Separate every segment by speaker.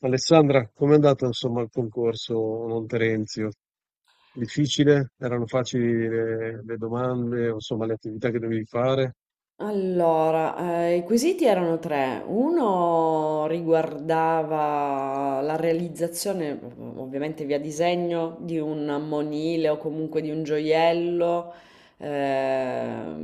Speaker 1: Alessandra, com'è andato insomma il concorso non Terenzio? Difficile? Erano facili le domande, o, insomma le attività che dovevi fare?
Speaker 2: Allora, i quesiti erano 3. Uno riguardava la realizzazione, ovviamente via disegno, di un monile o comunque di un gioiello ehm,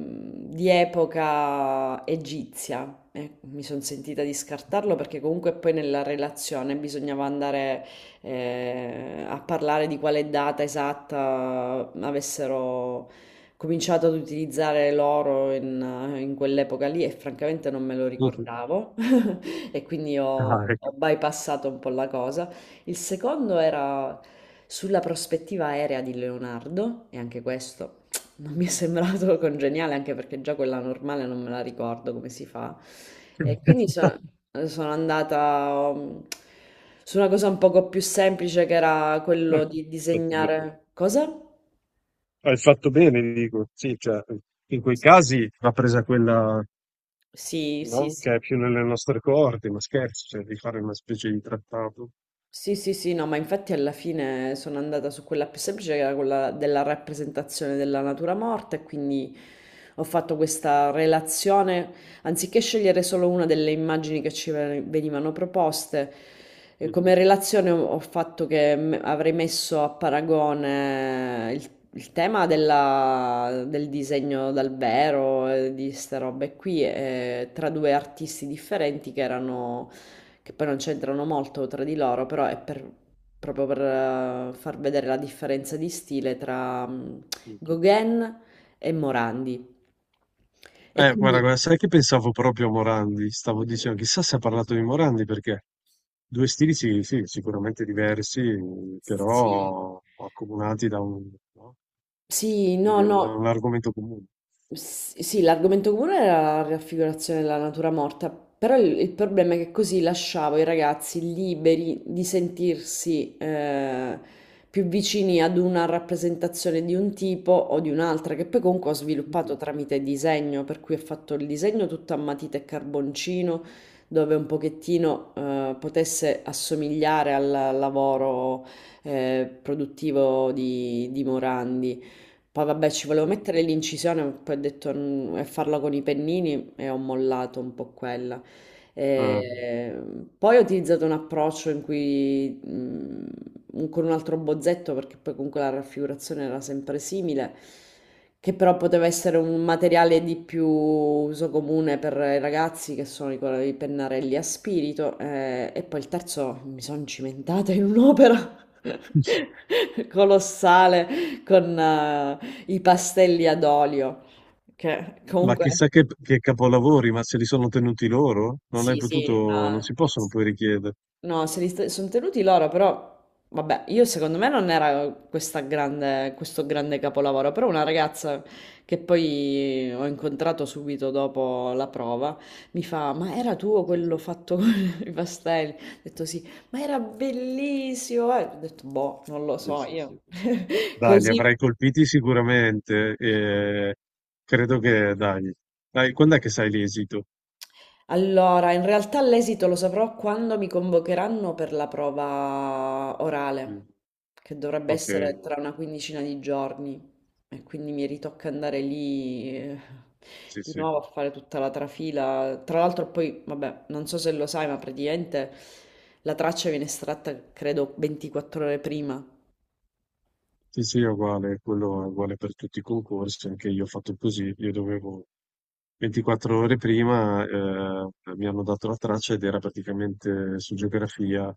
Speaker 2: di epoca egizia. Mi sono sentita di scartarlo perché comunque poi nella relazione bisognava andare a parlare di quale data esatta avessero cominciato ad utilizzare l'oro in quell'epoca lì, e francamente non me lo
Speaker 1: Mhm.
Speaker 2: ricordavo e quindi
Speaker 1: Ah, ecco.
Speaker 2: ho bypassato un po' la cosa. Il secondo era sulla prospettiva aerea di Leonardo e anche questo non mi è sembrato congeniale, anche perché già quella normale non me la ricordo come si fa. E quindi sono andata su una cosa un poco più semplice, che era
Speaker 1: Eh,
Speaker 2: quello di
Speaker 1: Fatto bene.
Speaker 2: disegnare... Cosa?
Speaker 1: Hai fatto bene, dico, sì, cioè, in quei casi va presa quella,
Speaker 2: Sì, sì,
Speaker 1: no?
Speaker 2: sì.
Speaker 1: Che è più nelle nostre coorte, ma scherzi, cioè di fare una specie di trattato.
Speaker 2: Sì, sì, sì, no, ma infatti alla fine sono andata su quella più semplice, che era quella della rappresentazione della natura morta, e quindi ho fatto questa relazione, anziché scegliere solo una delle immagini che venivano proposte.
Speaker 1: Mm.
Speaker 2: Come relazione ho fatto che avrei messo a paragone il tema del disegno dal vero, di queste robe qui, tra due artisti differenti che erano, che poi non c'entrano molto tra di loro, proprio per far vedere la differenza di stile tra
Speaker 1: Mm.
Speaker 2: Gauguin e Morandi. E
Speaker 1: Guarda,
Speaker 2: quindi...
Speaker 1: guarda, sai che pensavo proprio a Morandi? Stavo dicendo, chissà se ha parlato di Morandi perché due stili sì, sì, sicuramente diversi,
Speaker 2: Sì.
Speaker 1: però accomunati da un, no?
Speaker 2: Sì,
Speaker 1: Come
Speaker 2: no,
Speaker 1: dire, da
Speaker 2: no.
Speaker 1: un argomento comune.
Speaker 2: Sì, l'argomento comune era la raffigurazione della natura morta, però il problema è che così lasciavo i ragazzi liberi di sentirsi più vicini ad una rappresentazione di un tipo o di un'altra, che poi comunque ho sviluppato
Speaker 1: Sì,
Speaker 2: tramite disegno, per cui ho fatto il disegno tutto a matita e carboncino, dove un pochettino potesse assomigliare al lavoro produttivo di Morandi. Poi vabbè, ci volevo
Speaker 1: sì.
Speaker 2: mettere l'incisione, ma poi ho detto "Mm", e farla con i pennini, e ho mollato un po' quella.
Speaker 1: Eh,
Speaker 2: Eh, Poi ho utilizzato un approccio in cui con un altro bozzetto, perché poi comunque la raffigurazione era sempre simile, che però poteva essere un materiale di più uso comune per i ragazzi, che sono i pennarelli a spirito. E poi il terzo, mi sono cimentata in un'opera colossale con, i pastelli ad olio, che
Speaker 1: ma
Speaker 2: comunque
Speaker 1: chissà che capolavori, ma se li sono tenuti loro? Non hai
Speaker 2: sì, sì,
Speaker 1: potuto, non
Speaker 2: no,
Speaker 1: si possono poi richiedere.
Speaker 2: no, se li sta- sono tenuti loro, però vabbè, io secondo me non era questa grande, questo grande capolavoro, però una ragazza che poi ho incontrato subito dopo la prova mi fa, ma era tuo
Speaker 1: Sì,
Speaker 2: quello fatto con i pastelli? Ho detto sì, ma era bellissimo, eh. Ho detto boh, non lo
Speaker 1: sì,
Speaker 2: so,
Speaker 1: sì,
Speaker 2: io
Speaker 1: sì. Dai, li
Speaker 2: così...
Speaker 1: avrai colpiti sicuramente e credo che, dai, dai, quando è che sai l'esito?
Speaker 2: Allora, in realtà l'esito lo saprò quando mi convocheranno per la prova
Speaker 1: Mm.
Speaker 2: orale, che dovrebbe
Speaker 1: Okay,
Speaker 2: essere tra una quindicina di giorni, e quindi mi ritocca andare lì
Speaker 1: sì,
Speaker 2: di
Speaker 1: sì.
Speaker 2: nuovo a fare tutta la trafila. Tra l'altro poi, vabbè, non so se lo sai, ma praticamente la traccia viene estratta, credo, 24 ore prima.
Speaker 1: Sì, sì, è uguale, quello è uguale per tutti i concorsi, anche io ho fatto così, io dovevo 24 ore prima, mi hanno dato la traccia ed era praticamente su geografia,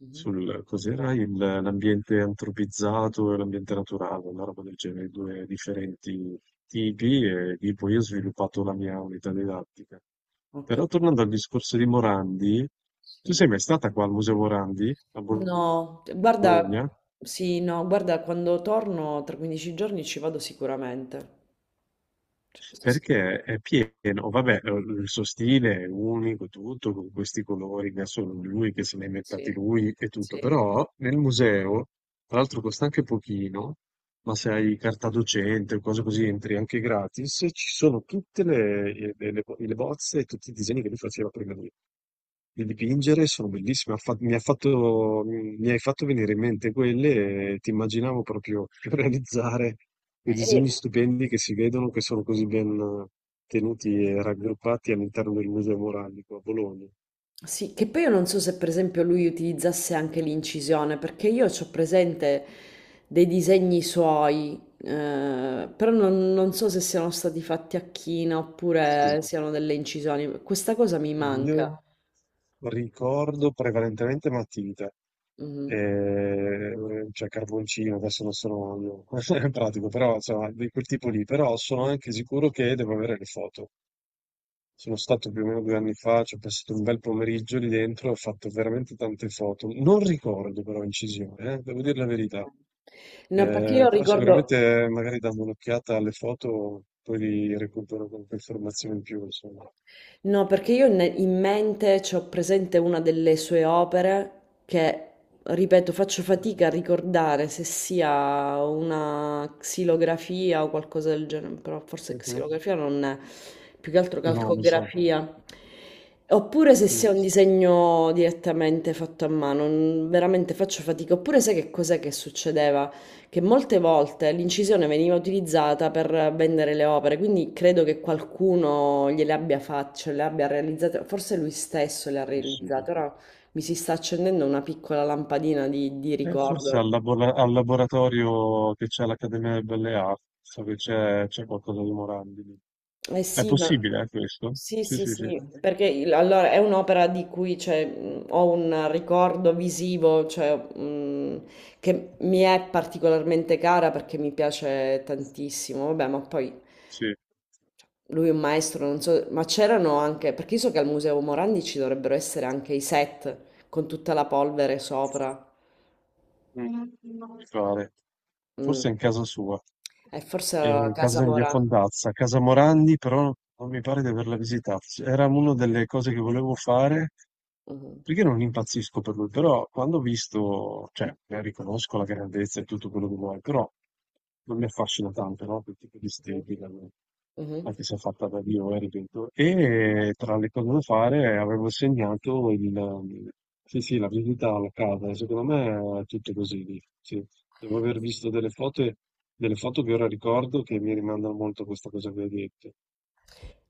Speaker 2: Mhm.
Speaker 1: sul cos'era l'ambiente antropizzato e l'ambiente naturale, una roba del genere, due differenti tipi e lì poi ho sviluppato la mia unità didattica.
Speaker 2: Ok,
Speaker 1: Però tornando al discorso di Morandi, tu
Speaker 2: sì.
Speaker 1: sei mai stata qua al Museo Morandi, a
Speaker 2: No, guarda,
Speaker 1: Bologna?
Speaker 2: sì, no, guarda, quando torno tra 15 giorni ci vado sicuramente. Sì, sì,
Speaker 1: Perché è pieno, vabbè, il suo stile è unico, tutto, con questi colori che ha solo lui, che se li ha inventati
Speaker 2: sì.
Speaker 1: lui e tutto,
Speaker 2: Sì.
Speaker 1: però nel museo, tra l'altro costa anche pochino, ma se hai carta docente o cose così entri anche gratis, ci sono tutte le, le bozze e tutti i disegni che lui faceva prima di dipingere, sono bellissime, ha fa- mi ha fatto- mi hai fatto venire in mente quelle e ti immaginavo proprio realizzare quei
Speaker 2: E-
Speaker 1: disegni stupendi che si vedono, che sono così ben tenuti e raggruppati all'interno del Museo Moralico a Bologna.
Speaker 2: sì, che poi io non so se per esempio lui utilizzasse anche l'incisione, perché io ho presente dei disegni suoi, però non so se siano stati fatti a china
Speaker 1: Sì.
Speaker 2: oppure siano delle incisioni. Questa cosa mi
Speaker 1: Io
Speaker 2: manca.
Speaker 1: ricordo prevalentemente matita.
Speaker 2: Mhm.
Speaker 1: Eh, cioè carboncino, adesso non sono io, in pratico, però insomma, di quel tipo lì, però sono anche sicuro che devo avere le foto. Sono stato più o meno 2 anni fa, ci ho passato un bel pomeriggio lì dentro, ho fatto veramente tante foto. Non ricordo però incisione, devo dire la verità.
Speaker 2: No, perché io
Speaker 1: Però
Speaker 2: ricordo,
Speaker 1: sicuramente magari dando un'occhiata alle foto, poi li recupero qualche informazione in più, insomma.
Speaker 2: no, perché io in mente c'ho presente una delle sue opere che, ripeto, faccio fatica a ricordare se sia una xilografia o qualcosa del genere, però forse
Speaker 1: Mhm.
Speaker 2: xilografia non è, più che altro
Speaker 1: No, mi sa.
Speaker 2: calcografia. Oppure se
Speaker 1: Mm.
Speaker 2: sia un disegno direttamente fatto a mano, veramente faccio fatica. Oppure sai che cos'è che succedeva? Che molte volte l'incisione veniva utilizzata per vendere le opere, quindi credo che qualcuno gliele abbia fatte, cioè le abbia realizzate, forse lui stesso le
Speaker 1: È
Speaker 2: ha realizzate,
Speaker 1: possibile.
Speaker 2: ora mi si sta accendendo una piccola lampadina di
Speaker 1: Forse
Speaker 2: ricordo.
Speaker 1: al, al laboratorio che c'è all'Accademia delle Belle Arti, so che c'è qualcosa di Morandi.
Speaker 2: Eh
Speaker 1: È
Speaker 2: sì, ma...
Speaker 1: possibile, questo?
Speaker 2: Sì,
Speaker 1: Sì,
Speaker 2: sì,
Speaker 1: sì, sì.
Speaker 2: sì, perché allora è un'opera di cui cioè, ho un ricordo visivo, cioè, che mi è particolarmente cara perché mi piace tantissimo, vabbè, ma poi
Speaker 1: Sì.
Speaker 2: lui è un maestro, non so, ma c'erano anche, perché io so che al Museo Morandi ci dovrebbero essere anche i set con tutta la polvere sopra.
Speaker 1: Mm. Mi pare.
Speaker 2: Mm.
Speaker 1: Forse è in casa sua.
Speaker 2: E forse era la
Speaker 1: Eh, casa
Speaker 2: casa
Speaker 1: in via
Speaker 2: Morandi.
Speaker 1: Fondazza, casa Morandi, però non mi pare di averla visitata. Era una delle cose che volevo fare,
Speaker 2: Mhm.
Speaker 1: perché non impazzisco per lui, però quando ho visto, cioè, riconosco la grandezza e tutto quello che vuoi, però non mi affascina tanto, no? Quel tipo di estetica, no?
Speaker 2: Mhm.
Speaker 1: Anche se è fatta da Dio, ripeto. E tra le cose da fare avevo segnato il... Sì, sì, la visita alla casa, secondo me è tutto così lì, sì. Devo aver visto delle foto e delle foto che ora ricordo che mi rimandano molto a questa cosa che hai detto.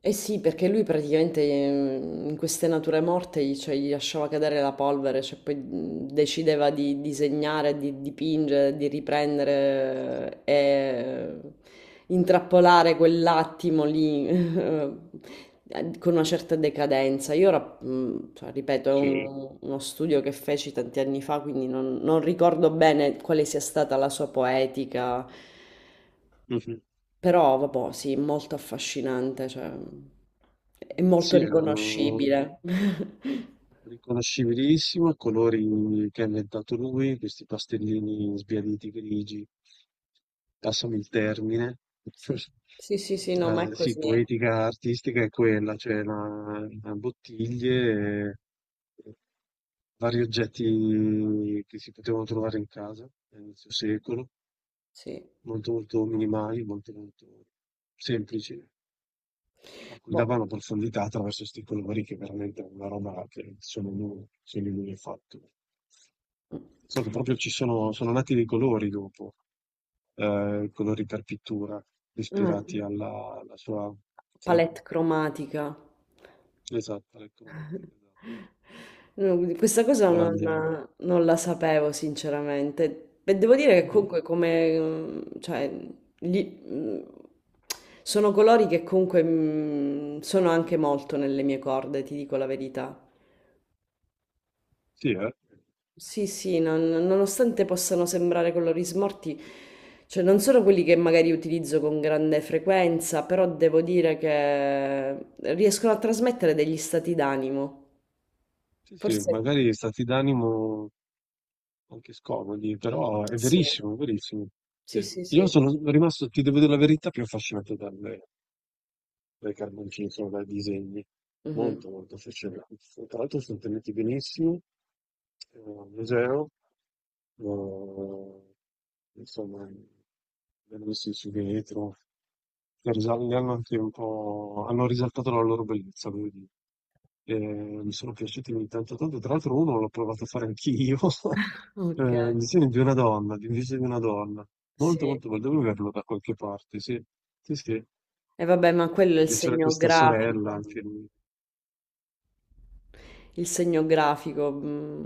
Speaker 2: Eh sì, perché lui praticamente in queste nature morte gli, cioè, gli lasciava cadere la polvere, cioè poi decideva di disegnare, di dipingere, di riprendere e intrappolare quell'attimo lì con una certa decadenza. Io ora, cioè, ripeto, è
Speaker 1: Sì.
Speaker 2: uno studio che feci tanti anni fa, quindi non ricordo bene quale sia stata la sua poetica.
Speaker 1: Mh-mh.
Speaker 2: Però vabbò, sì, molto affascinante, cioè è
Speaker 1: Ma
Speaker 2: molto
Speaker 1: sì, erano
Speaker 2: riconoscibile.
Speaker 1: riconoscibilissimo, colori che ha inventato lui, questi pastellini sbiaditi grigi. Passami il termine.
Speaker 2: Sì. Sì, sì, sì, no, ma è
Speaker 1: La sì,
Speaker 2: così.
Speaker 1: poetica artistica è quella, cioè la bottiglie, e vari oggetti che si potevano trovare in casa a inizio secolo.
Speaker 2: Sì.
Speaker 1: Molto, molto minimali, molto, molto semplici, a cui
Speaker 2: Boh.
Speaker 1: davano profondità attraverso questi colori che veramente è una roba che solo lui ha fatto. Solo proprio ci sono, sono nati dei colori dopo, colori per pittura,
Speaker 2: Mm.
Speaker 1: ispirati
Speaker 2: Ah,
Speaker 1: alla, alla sua... Sì,
Speaker 2: palette cromatica.
Speaker 1: esatto, alle cromatiche, esatto.
Speaker 2: No, questa cosa
Speaker 1: Morandiano.
Speaker 2: non la sapevo sinceramente. E devo dire che
Speaker 1: Mhm.
Speaker 2: comunque come, mm, cioè, gli- mm, sono colori che comunque mm, sono anche molto nelle mie corde, ti dico la verità.
Speaker 1: Sì, eh?
Speaker 2: Sì, sì, nonostante possano sembrare colori smorti, cioè non sono quelli che magari utilizzo con grande frequenza, però devo dire che riescono a trasmettere degli stati d'animo.
Speaker 1: Sì, sì,
Speaker 2: Forse
Speaker 1: magari stati d'animo anche scomodi, però è
Speaker 2: sì,
Speaker 1: verissimo, è verissimo.
Speaker 2: sì,
Speaker 1: Sì.
Speaker 2: sì,
Speaker 1: Io
Speaker 2: sì.
Speaker 1: sono rimasto, ti devo dire la verità, più affascinato dalle, dai carboncini, insomma, dai disegni.
Speaker 2: Mhm.
Speaker 1: Molto, molto affascinante. Tra l'altro sono tenuti benissimo, al museo, eh, insomma, vengono messi su vetro, le hanno anche un po', hanno risaltato la loro bellezza, devo dire. Mi sono piaciuti tanto tanto, tra l'altro uno l'ho provato a fare anch'io,
Speaker 2: Ok,
Speaker 1: il disegno di una donna, di un viso di una donna. Molto,
Speaker 2: sì.
Speaker 1: molto bello. Devo averlo da qualche parte, sì. Sì, sì.
Speaker 2: E vabbè, ma quello è il
Speaker 1: Perché c'era
Speaker 2: segno
Speaker 1: questa sorella
Speaker 2: grafico.
Speaker 1: anche
Speaker 2: Il segno grafico. Mm.